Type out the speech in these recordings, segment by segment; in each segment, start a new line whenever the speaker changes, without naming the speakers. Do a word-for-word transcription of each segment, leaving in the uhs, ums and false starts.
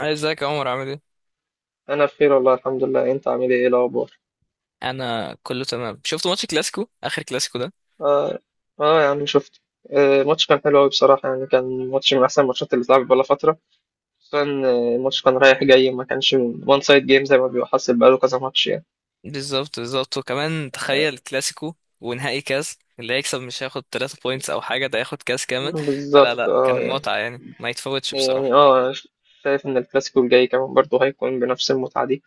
ازيك يا عمر، عامل ايه؟
انا بخير والله الحمد لله. انت عامل ايه؟ إيه الاخبار؟
انا كله تمام. شفت ماتش كلاسيكو، اخر كلاسيكو ده؟
اه اه يا عم شفت. آه ماتش كان حلو قوي بصراحه يعني، كان ماتش من احسن الماتشات اللي اتلعبت بقالها فتره. خصوصا آه، الماتش كان رايح جاي، ما كانش وان سايد جيم زي ما بيبقى حاصل بقاله كذا ماتش يعني.
بالظبط بالظبط، وكمان تخيل كلاسيكو ونهائي كاس. اللي هيكسب مش هياخد ثلاثة بوينتس او حاجه، ده هياخد كاس كامل. فلا
بالظبط
لا، كان
اه يعني.
المتعه يعني ما يتفوتش
يعني
بصراحه.
اه أنا شايف ان الكلاسيكو الجاي كمان برضه هيكون بنفس المتعه دي،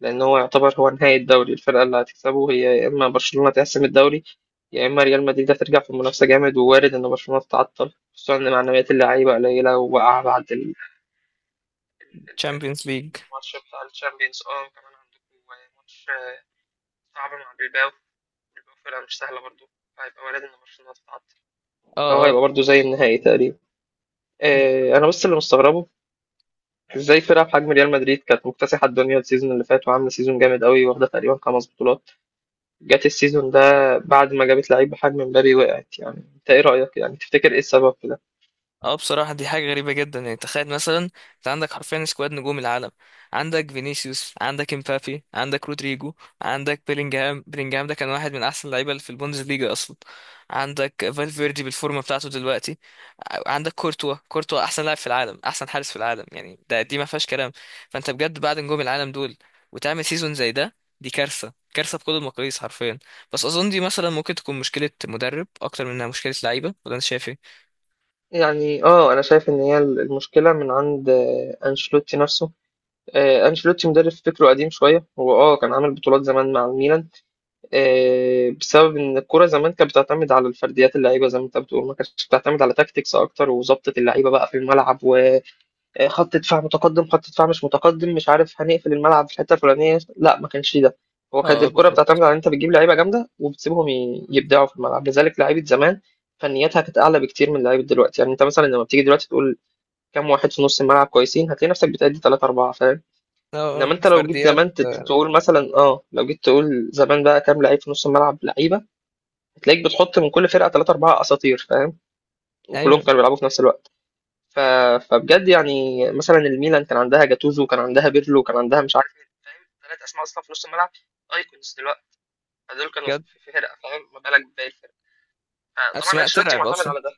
لان هو يعتبر هو نهايه الدوري. الفرقه اللي هتكسبه هي يا اما برشلونه تحسم الدوري، يا اما ريال مدريد هترجع في المنافسه جامد، ووارد ان برشلونه تتعطل خصوصا ان معنويات اللعيبه قليله، ووقع بعد ال- ال-
تشامبيونز ليج.
الماتش بتاع الشامبيونز. اه كمان عندكم ماتش آه، صعب مع بيلباو. بيلباو فرقة مش سهلة برضه، فهيبقى وارد إن برشلونة تتعطل،
اه
فهو
اه
هيبقى برضه زي النهائي تقريبا. آه، أنا بس اللي مستغربه، إزاي فرقة بحجم ريال مدريد كانت مكتسحة الدنيا السيزون اللي فات وعاملة سيزون جامد قوي، واخدة تقريبا خمس بطولات، جت السيزون ده بعد ما جابت لعيب بحجم مبابي وقعت. يعني أنت إيه رأيك؟ يعني تفتكر إيه السبب في ده؟
اه، بصراحة دي حاجة غريبة جدا. يعني تخيل مثلا، انت عندك حرفيا سكواد نجوم العالم. عندك فينيسيوس، عندك امبابي، عندك رودريجو، عندك بيلينجهام بيلينجهام ده كان واحد من احسن اللعيبة اللي في البوندسليجا اصلا. عندك فالفيردي بالفورمة بتاعته دلوقتي. عندك كورتوا كورتوا احسن لاعب في العالم، احسن حارس في العالم. يعني ده دي ما فيهاش كلام. فانت بجد بعد نجوم العالم دول وتعمل سيزون زي ده، دي كارثة. كارثة بكل المقاييس حرفيا. بس اظن دي مثلا ممكن تكون مشكلة مدرب اكتر منها مشكلة لعيبة، ولا انت شايف ايه؟
يعني اه انا شايف ان هي المشكله من عند آه، انشيلوتي نفسه. آه، أنشيلوتي مدرب فكره قديم شوية. هو اه كان عامل بطولات زمان مع الميلان آه، بسبب إن الكرة زمان كانت بتعتمد على الفرديات، اللعيبة زي ما أنت بتقول ما كانتش بتعتمد على تاكتكس أكتر وظبطة اللعيبة بقى في الملعب، وخط دفاع متقدم خط دفاع مش متقدم مش عارف هنقفل الملعب في الحتة الفلانية، لا ما كانش ده. هو كانت
اه اه،
الكرة
بالظبط.
بتعتمد على إن أنت بتجيب لعيبة جامدة وبتسيبهم ي- يبدعوا في الملعب، لذلك لعيبة زمان فنياتها كانت أعلى بكتير من لعيبة دلوقتي. يعني أنت مثلا لما بتيجي دلوقتي تقول كام واحد في نص الملعب كويسين، هتلاقي نفسك بتأدي تلاتة أربعة فاهم.
اه،
انما انت لو جيت
فرديات.
زمان تت-
آه،
تقول مثلا اه، لو جيت تقول زمان بقى كام لعيب في نص الملعب لعيبه، هتلاقيك بتحط من كل فرقه ثلاثه اربعه اساطير فاهم، وكلهم
ايوه،
كانوا بيلعبوا في نفس الوقت. ف... فبجد يعني مثلا الميلان كان عندها جاتوزو، كان عندها بيرلو، كان عندها مش عارف ايه فاهم، ثلاث اسماء اصلا في نص الملعب ايكونز دلوقتي. فدول كانوا في
بجد.
في فرقه فاهم، ما بالك بباقي الفرق. طبعا
اسماء
انشيلوتي
ترعب
معتمد
اصلا.
على ده.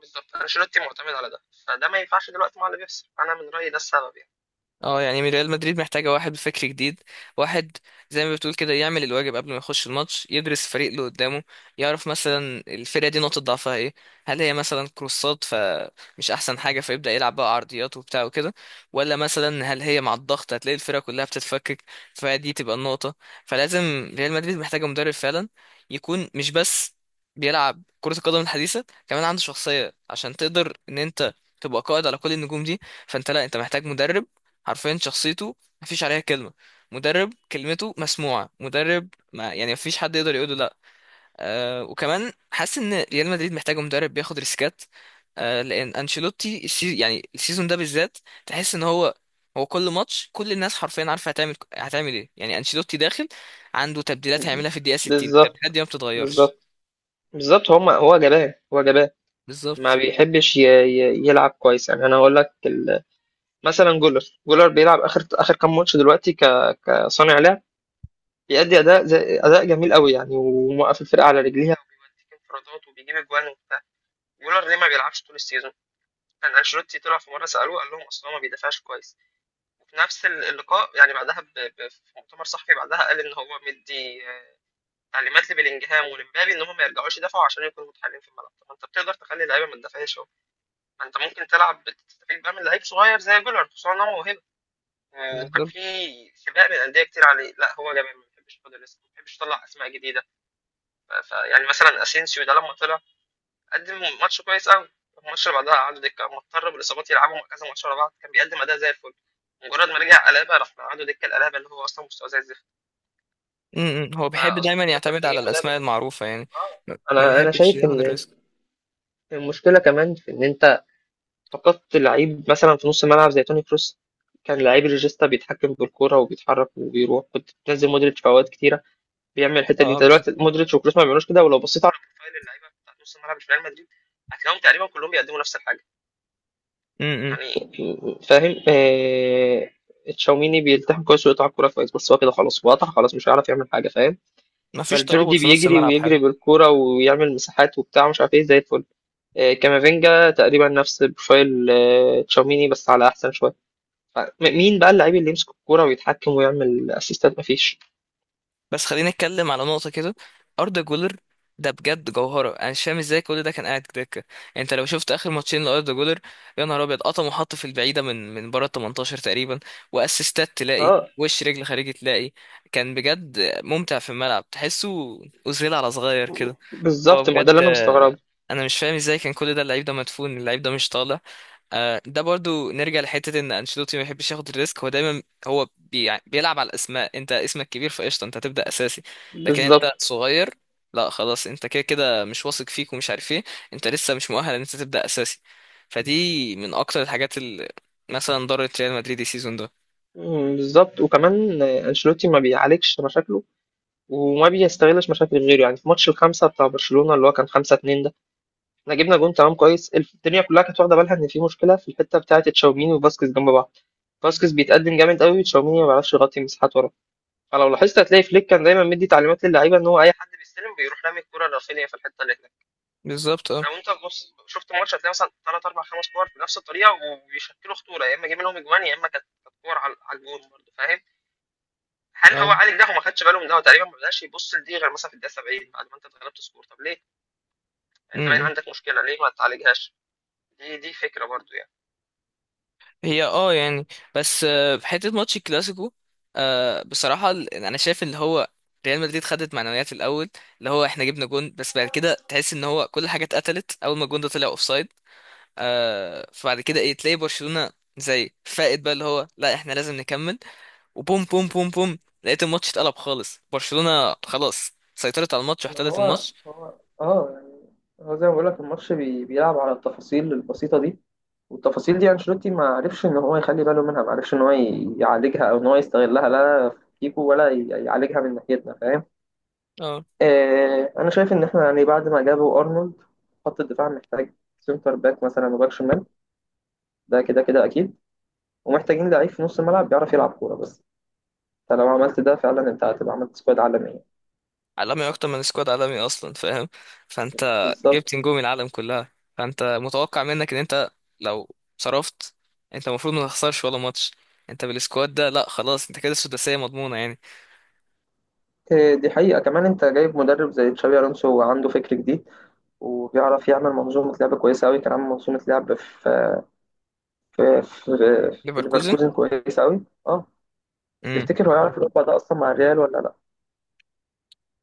بالظبط انشيلوتي معتمد على ده، فده ما ينفعش دلوقتي مع اللي بيحصل. انا من رايي ده السبب يعني.
اه يعني ريال مدريد محتاجة واحد بفكر جديد. واحد زي ما بتقول كده، يعمل الواجب قبل ما يخش الماتش، يدرس الفريق اللي قدامه. يعرف مثلا الفرقة دي نقطة ضعفها ايه. هل هي مثلا كروسات فمش احسن حاجة، فيبدأ يلعب بقى عرضيات وبتاع وكده. ولا مثلا هل هي مع الضغط هتلاقي الفرقة كلها بتتفكك؟ فدي تبقى النقطة. فلازم ريال مدريد محتاجة مدرب فعلا يكون مش بس بيلعب كرة القدم الحديثة، كمان عنده شخصية عشان تقدر ان انت تبقى قائد على كل النجوم دي. فانت لا، انت محتاج مدرب حرفيا شخصيته مفيش عليها كلمة. مدرب كلمته مسموعة، مدرب ما يعني مفيش حد يقدر يقوله لا. أه، وكمان حاسس ان ريال مدريد محتاج مدرب بياخد ريسكات. أه لان انشيلوتي السي... يعني السيزون ده بالذات تحس ان هو هو كل ماتش كل الناس حرفيا عارفه هتعمل هتعمل ايه. يعني انشيلوتي داخل عنده تبديلات هيعملها في الدقيقة ستين،
بالظبط
التبديلات دي ما بتتغيرش.
بالظبط بالظبط. هما هو جبان هو جبان. ما
بالظبط
بيحبش ي- ي- يلعب كويس يعني. انا هقول لك ال- مثلا جولر. جولر بيلعب اخر اخر كام ماتش دلوقتي ك- كصانع لعب، بيأدي اداء زي اداء جميل قوي يعني، وموقف الفرقه على رجليها وبيوديك انفرادات وبيجيب اجوان وبتاع. جولر ليه ما بيلعبش طول السيزون؟ كان انشيلوتي طلع في مره سالوه قال لهم اصلا ما بيدافعش كويس، وفي نفس ال- اللقاء يعني بعدها ب... ب... في مؤتمر صحفي بعدها قال ان هو مدي آه، تعليمات لبيلينجهام ولمبابي ان هم ما يرجعوش يدافعوا عشان يكونوا متحكمين في الملعب. طب انت بتقدر تخلي اللعيبه ما تدافعش؟ ما انت ممكن تلعب تستفيد بقى من لعيب صغير زي جولر، خصوصا ان هو موهبه. آه، وكان
بالظبط.
في سباق من الانديه كتير عليه. لا هو جبان ما بيحبش ياخد الريسك، ما بيحبش يطلع اسماء جديده. ف- فيعني مثلا اسينسيو ده لما طلع قدم ماتش كويس قوي. الماتش اللي بعدها قعدوا دكه، مضطر بالاصابات يلعبوا كذا ماتش ورا بعض كان بيقدم اداء زي الفل. مجرد ما رجع قلابه راح قعدوا دكه، القلابه اللي هو اصلا مستواه زي الزفت.
م- م. هو بيحب دايما
فاظن ان احنا
يعتمد
محتاجين
على
مدرب.
الاسماء المعروفة يعني.
اه
ما ما
انا انا
بيحبش
شايف ان
ياخد الريسك.
المشكله كمان في ان انت فقدت لعيب مثلا في نص الملعب زي توني كروس. كان لعيب ريجيستا بيتحكم بالكوره وبيتحرك وبيروح، كنت بتنزل مودريتش في اوقات كتيره بيعمل الحته دي.
اه،
انت
بالظبط.
دلوقتي مودريتش وكروس ما بيعملوش كده، ولو بصيت على بروفايل اللعيبه بتاع نص الملعب في ريال مدريد هتلاقيهم تقريبا كلهم بيقدموا نفس الحاجه
م- م.
يعني فاهم. آه... تشاوميني بيلتحم كويس ويقطع الكوره كويس، بس هو كده خلاص هو قطع خلاص مش هيعرف يعمل حاجه فاهم.
مفيش ترابط
فالفيردي
في نص
بيجري
الملعب حلو.
ويجري بالكوره ويعمل مساحات وبتاع مش عارف ايه زي الفل. آه، كامافينجا تقريبا نفس بروفايل آه، تشاوميني بس على احسن شويه. م- مين بقى اللعيب اللي يمسك الكوره ويتحكم ويعمل اسيستات؟ مفيش.
بس خلينا نتكلم على نقطة كده. أردا جولر ده بجد جوهرة. أنا مش فاهم ازاي كل ده كان قاعد دكة. يعني أنت لو شفت آخر ماتشين لأردا جولر، يا نهار أبيض! قطم وحط في البعيدة، من من بره ال ثمانية عشر تقريبا. وأسيستات تلاقي،
اه
وش رجل خارجي تلاقي. كان بجد ممتع في الملعب، تحسه أوزيل على صغير كده. هو
بالظبط. ما هو ده اللي
بجد.
انا مستغرب.
آه، أنا مش فاهم ازاي كان كل ده. اللعيب ده مدفون، اللعيب ده مش طالع. آه، ده برضو نرجع لحتة ان انشيلوتي ما بيحبش ياخد الريسك. هو دايما، هو بي يعني بيلعب على الاسماء. انت اسمك كبير فقشطة، انت هتبدأ اساسي. لكن
بالظبط.
انت صغير، لا خلاص، انت كده كده مش واثق فيك ومش عارف ايه. انت لسه مش مؤهل ان انت تبدأ اساسي. فدي من اكتر الحاجات اللي مثلا ضرت ريال مدريد السيزون ده.
مم، بالظبط وكمان آه، انشيلوتي ما بيعالجش مشاكله وما بيستغلش مشاكل غيره. يعني في ماتش الخمسه بتاع برشلونه اللي هو كان خمسة اتنين ده، احنا جبنا جون تمام كويس، الدنيا كلها كانت واخده بالها ان في مشكله في الحته بتاعه تشاوميني وفاسكيز جنب بعض، فاسكيز بيتقدم جامد قوي، تشاوميني ما بيعرفش يغطي مساحات وراه. فلو لاحظت هتلاقي فليك كان دايما مدي تعليمات للعيبه ان هو اي حد بيستلم بيروح رامي الكوره لرافينيا في الحته اللي
بالظبط. اه
لو انت بص شفت ماتش هتلاقي مثلا ثلاث اربع خمس كور بنفس الطريقه وبيشكلوا خطوره، يا اما جايبين لهم اجوان يا اما كانت كانت كور على على الجون برضه فاهم. هل هو عالج ده وما خدش باله من ده؟ هو تقريبا ما بداش يبص لدي غير مثلا في الدقيقه سبعين بعد ما انت اتغلبت سكور، طب ليه يعني؟ انت باين
اه.
عندك مشكله، ليه ما تعالجهاش؟ دي دي فكره برضه يعني.
هي اه يعني، بس آه، في حته ماتش الكلاسيكو، آه، بصراحه ال- يعني انا شايف اللي هو ريال مدريد خدت معنويات الاول، اللي هو احنا جبنا جون. بس بعد كده تحس ان هو كل حاجه اتقتلت اول ما الجون ده طلع اوفسايد. آه، فبعد كده ايه، تلاقي برشلونه زي فائد بقى اللي هو لا احنا لازم نكمل. وبوم بوم بوم بوم، لقيت الماتش اتقلب خالص. برشلونه خلاص سيطرت على الماتش
ما
واحتلت
هو
الماتش.
هو اه يعني هو زي ما بقول لك الماتش بي... بيلعب على التفاصيل البسيطة دي. والتفاصيل دي انشيلوتي ما عرفش ان هو يخلي باله منها، ما عرفش ان هو ي- يعالجها او ان هو يستغلها. لا فيكو ولا ي- يعالجها من ناحيتنا فاهم.
اه،
آه، انا شايف ان احنا يعني بعد ما جابوا ارنولد، خط الدفاع محتاج سنتر باك مثلا وباك شمال، ده كده كده اكيد. ومحتاجين لعيب في نص الملعب بيعرف يلعب كوره بس، فلو عملت ده فعلا انت هتبقى عملت سكواد عالميه.
عالمي، اكتر من سكواد عالمي اصلا فاهم. فانت جبت
بالظبط.
نجوم العالم كلها، فانت متوقع منك ان انت لو صرفت، انت المفروض ما تخسرش ولا ماتش. انت بالسكواد ده لا خلاص، انت كده السداسية مضمونة يعني.
آه، دي حقيقه. كمان انت جايب مدرب زي تشابي الونسو وعنده فكر جديد، وبيعرف يعمل منظومه لعب كويسه قوي. كان عامل منظومه لعب في في في, في
ليفركوزن.
ليفركوزن كويسه قوي اه.
امم
تفتكر هو يعرف يطبق ده اصلا مع الريال ولا لا؟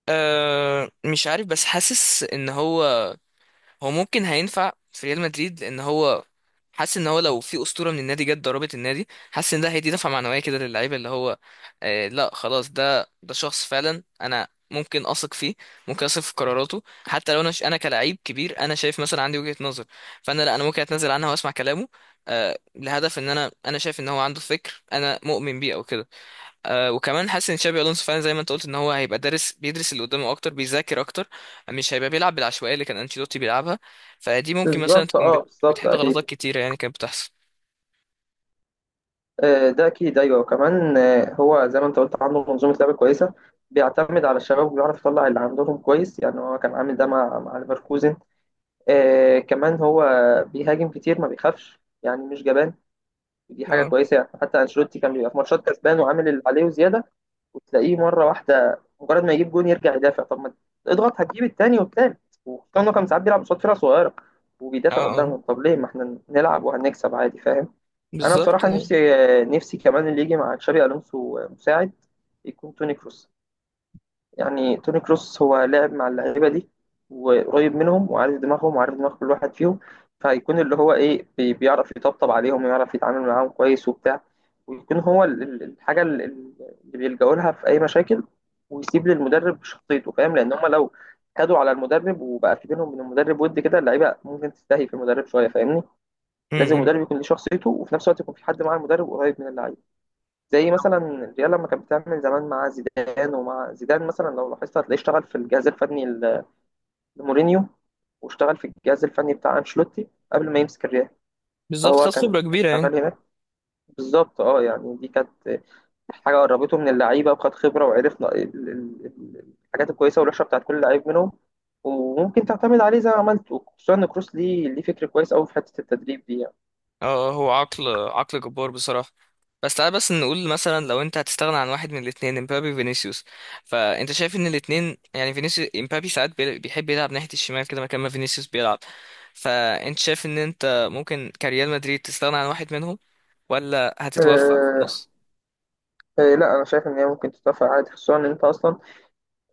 أه مش عارف، بس حاسس ان هو هو ممكن هينفع في ريال مدريد، لان هو حاسس ان هو لو في اسطوره من النادي جت ضربت النادي، حاسس ان ده هيدي دفعه معنويه كده للعيبه اللي هو. آه، لا خلاص، ده ده شخص فعلا انا ممكن اثق فيه. ممكن اثق في قراراته حتى لو انا ش... انا كلاعب كبير، انا شايف مثلا عندي وجهه نظر، فانا لا، انا ممكن اتنازل عنها واسمع كلامه. آه، لهدف ان انا انا شايف ان هو عنده فكر انا مؤمن بيه او كده. آه، وكمان حاسس ان تشابي الونسو فعلا زي ما انت قلت ان هو هيبقى دارس، بيدرس اللي قدامه اكتر، بيذاكر اكتر. مش هيبقى بيلعب بالعشوائيه اللي كان انشيلوتي بيلعبها. فدي ممكن مثلا
بالظبط
تكون
اه
بت-
بالظبط
بتحل غلطات
اكيد.
كتيره يعني كانت بتحصل.
آه، ده اكيد ايوه. وكمان آه، هو زي ما انت قلت عنده منظومه لعب كويسه، بيعتمد على الشباب وبيعرف يطلع اللي عندهم كويس يعني. هو كان عامل ده مع مع ليفركوزن. آه، كمان هو بيهاجم كتير ما بيخافش يعني مش جبان، دي حاجه
اه
كويسه يعني. حتى انشيلوتي كان بيبقى في ماتشات كسبان وعامل اللي عليه وزياده، وتلاقيه مرة واحدة مجرد ما يجيب جون يرجع يدافع، طب ما اضغط هتجيب التاني والتالت. وكان إنه كان ساعات بيلعب قصاد فرقة صغيرة
اه
وبيدافع
اه،
قدامهم، طب ليه؟ ما احنا نلعب وهنكسب عادي فاهم. أنا
بالظبط
بصراحة
ايوه.
نفسي، نفسي كمان اللي يجي مع تشابي ألونسو مساعد يكون توني كروس. يعني توني كروس هو لعب مع اللعيبه دي، وقريب منهم وعارف دماغهم وعارف دماغ كل واحد فيهم. فهيكون اللي هو ايه بي- بيعرف يطبطب عليهم ويعرف يتعامل معاهم كويس وبتاع، ويكون هو ال- ال- الحاجه ال- ال- اللي بيلجأوا لها في اي مشاكل. ويسيب للمدرب شخصيته فاهم، لان هم لو خدوا على المدرب وبقى في بينهم من المدرب ود كده، اللعيبه ممكن تستهي في المدرب شويه فاهمني.
م-
لازم
م.
المدرب يكون ليه شخصيته، وفي نفس الوقت يكون في حد مع المدرب قريب من اللعيبه، زي مثلا الريال لما كانت بتعمل زمان مع زيدان. ومع زيدان مثلا لو لاحظت هتلاقيه اشتغل في الجهاز الفني ل- لمورينيو، واشتغل في الجهاز الفني بتاع انشيلوتي قبل ما يمسك الريال.
بالظبط، خد
فهو كان
خبره
كان
كبيره يعني.
شغال هناك. بالظبط اه يعني دي كانت حاجه قربته من اللعيبه وخد خبره وعرف ن- ال- ال- ال- الحاجات الكويسه والوحشه بتاعت كل لعيب منهم. وممكن تعتمد عليه زي ما عملت، وخصوصا ان كروس ليه ليه فكر كويس قوي في حته التدريب دي يعني.
اه. آه، هو عقل، عقل جبار بصراحه. بس تعال بس نقول مثلا، لو انت هتستغنى عن واحد من الاثنين امبابي فينيسيوس، فانت شايف ان الاثنين يعني فينيسيوس امبابي ساعات بي- بيحب يلعب ناحيه الشمال كده مكان ما فينيسيوس بيلعب. فانت شايف ان انت ممكن كريال مدريد تستغنى عن واحد منهم؟ ولا هتتوفق في
أه
النص؟
أه، لا انا شايف ان هي ممكن تتوافق عادي خصوصا ان انت اصلا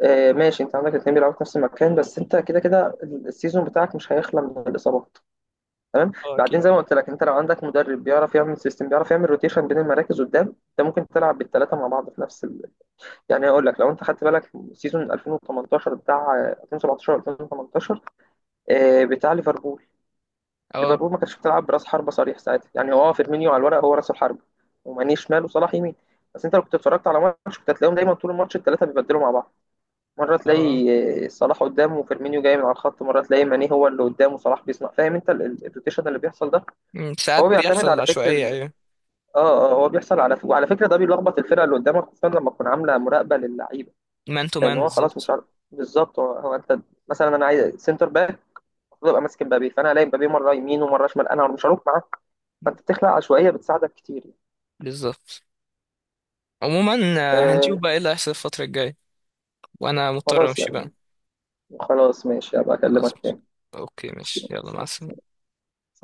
آه، ماشي. انت عندك الاثنين بيلعبوا في نفس المكان، بس انت كده كده السيزون بتاعك مش هيخلى من الاصابات تمام.
اه
بعدين
اكيد.
زي ما قلت لك، انت لو عندك مدرب بيعرف يعمل سيستم بيعرف يعمل روتيشن بين المراكز قدام، انت ممكن تلعب بالثلاثه مع بعض في نفس ال... يعني. اقول لك لو انت خدت بالك سيزون ألفين وتمنتاشر بتاع آه، ألفين وسبعتاشر ألفين وتمنتاشر آه، بتاع ليفربول.
اه
ليفربول ما كانتش بتلعب براس حربه صريح ساعتها يعني، هو فيرمينيو على الورق هو راس الحربه، وماني شمال وصلاح يمين. بس انت لو كنت اتفرجت على ماتش كنت هتلاقيهم دايما طول الماتش الثلاثه بيبدلوا مع بعض، مرة
اه. آه.
تلاقي صلاح قدامه وفيرمينيو جاي من على الخط، مرة تلاقي ماني هو اللي قدامه صلاح بيصنع فاهم. انت ال- ال- الروتيشن اللي بيحصل ده
مم، ساعات
هو بيعتمد
بيحصل
على فكر
عشوائية،
ال...
ايوه.
اه اه، هو بيحصل على ف... وعلى فكرة ده بيلخبط الفرقة اللي قدامك، خصوصا لما تكون عاملة مراقبة للعيبة،
مان تو
لان
مان،
هو خلاص
بالظبط.
مش عارف. بالظبط. هو, هو انت مثلا انا عايز سنتر باك، المفروض ابقى ماسك مبابي، فانا الاقي مبابي مرة يمين ومرة شمال انا مش هروح معاه، فانت بتخلق عشوائية بتساعدك كتير.
بالظبط. عموما، آه، هنشوف
آه،
بقى ايه اللي هيحصل الفترة الجاية. وانا مضطر
خلاص
امشي بقى.
يعني. خلاص ماشي هبقى اكلمك
خلاص ماشي.
تاني.
اوكي
ماشي.
ماشي، يلا مع السلامة.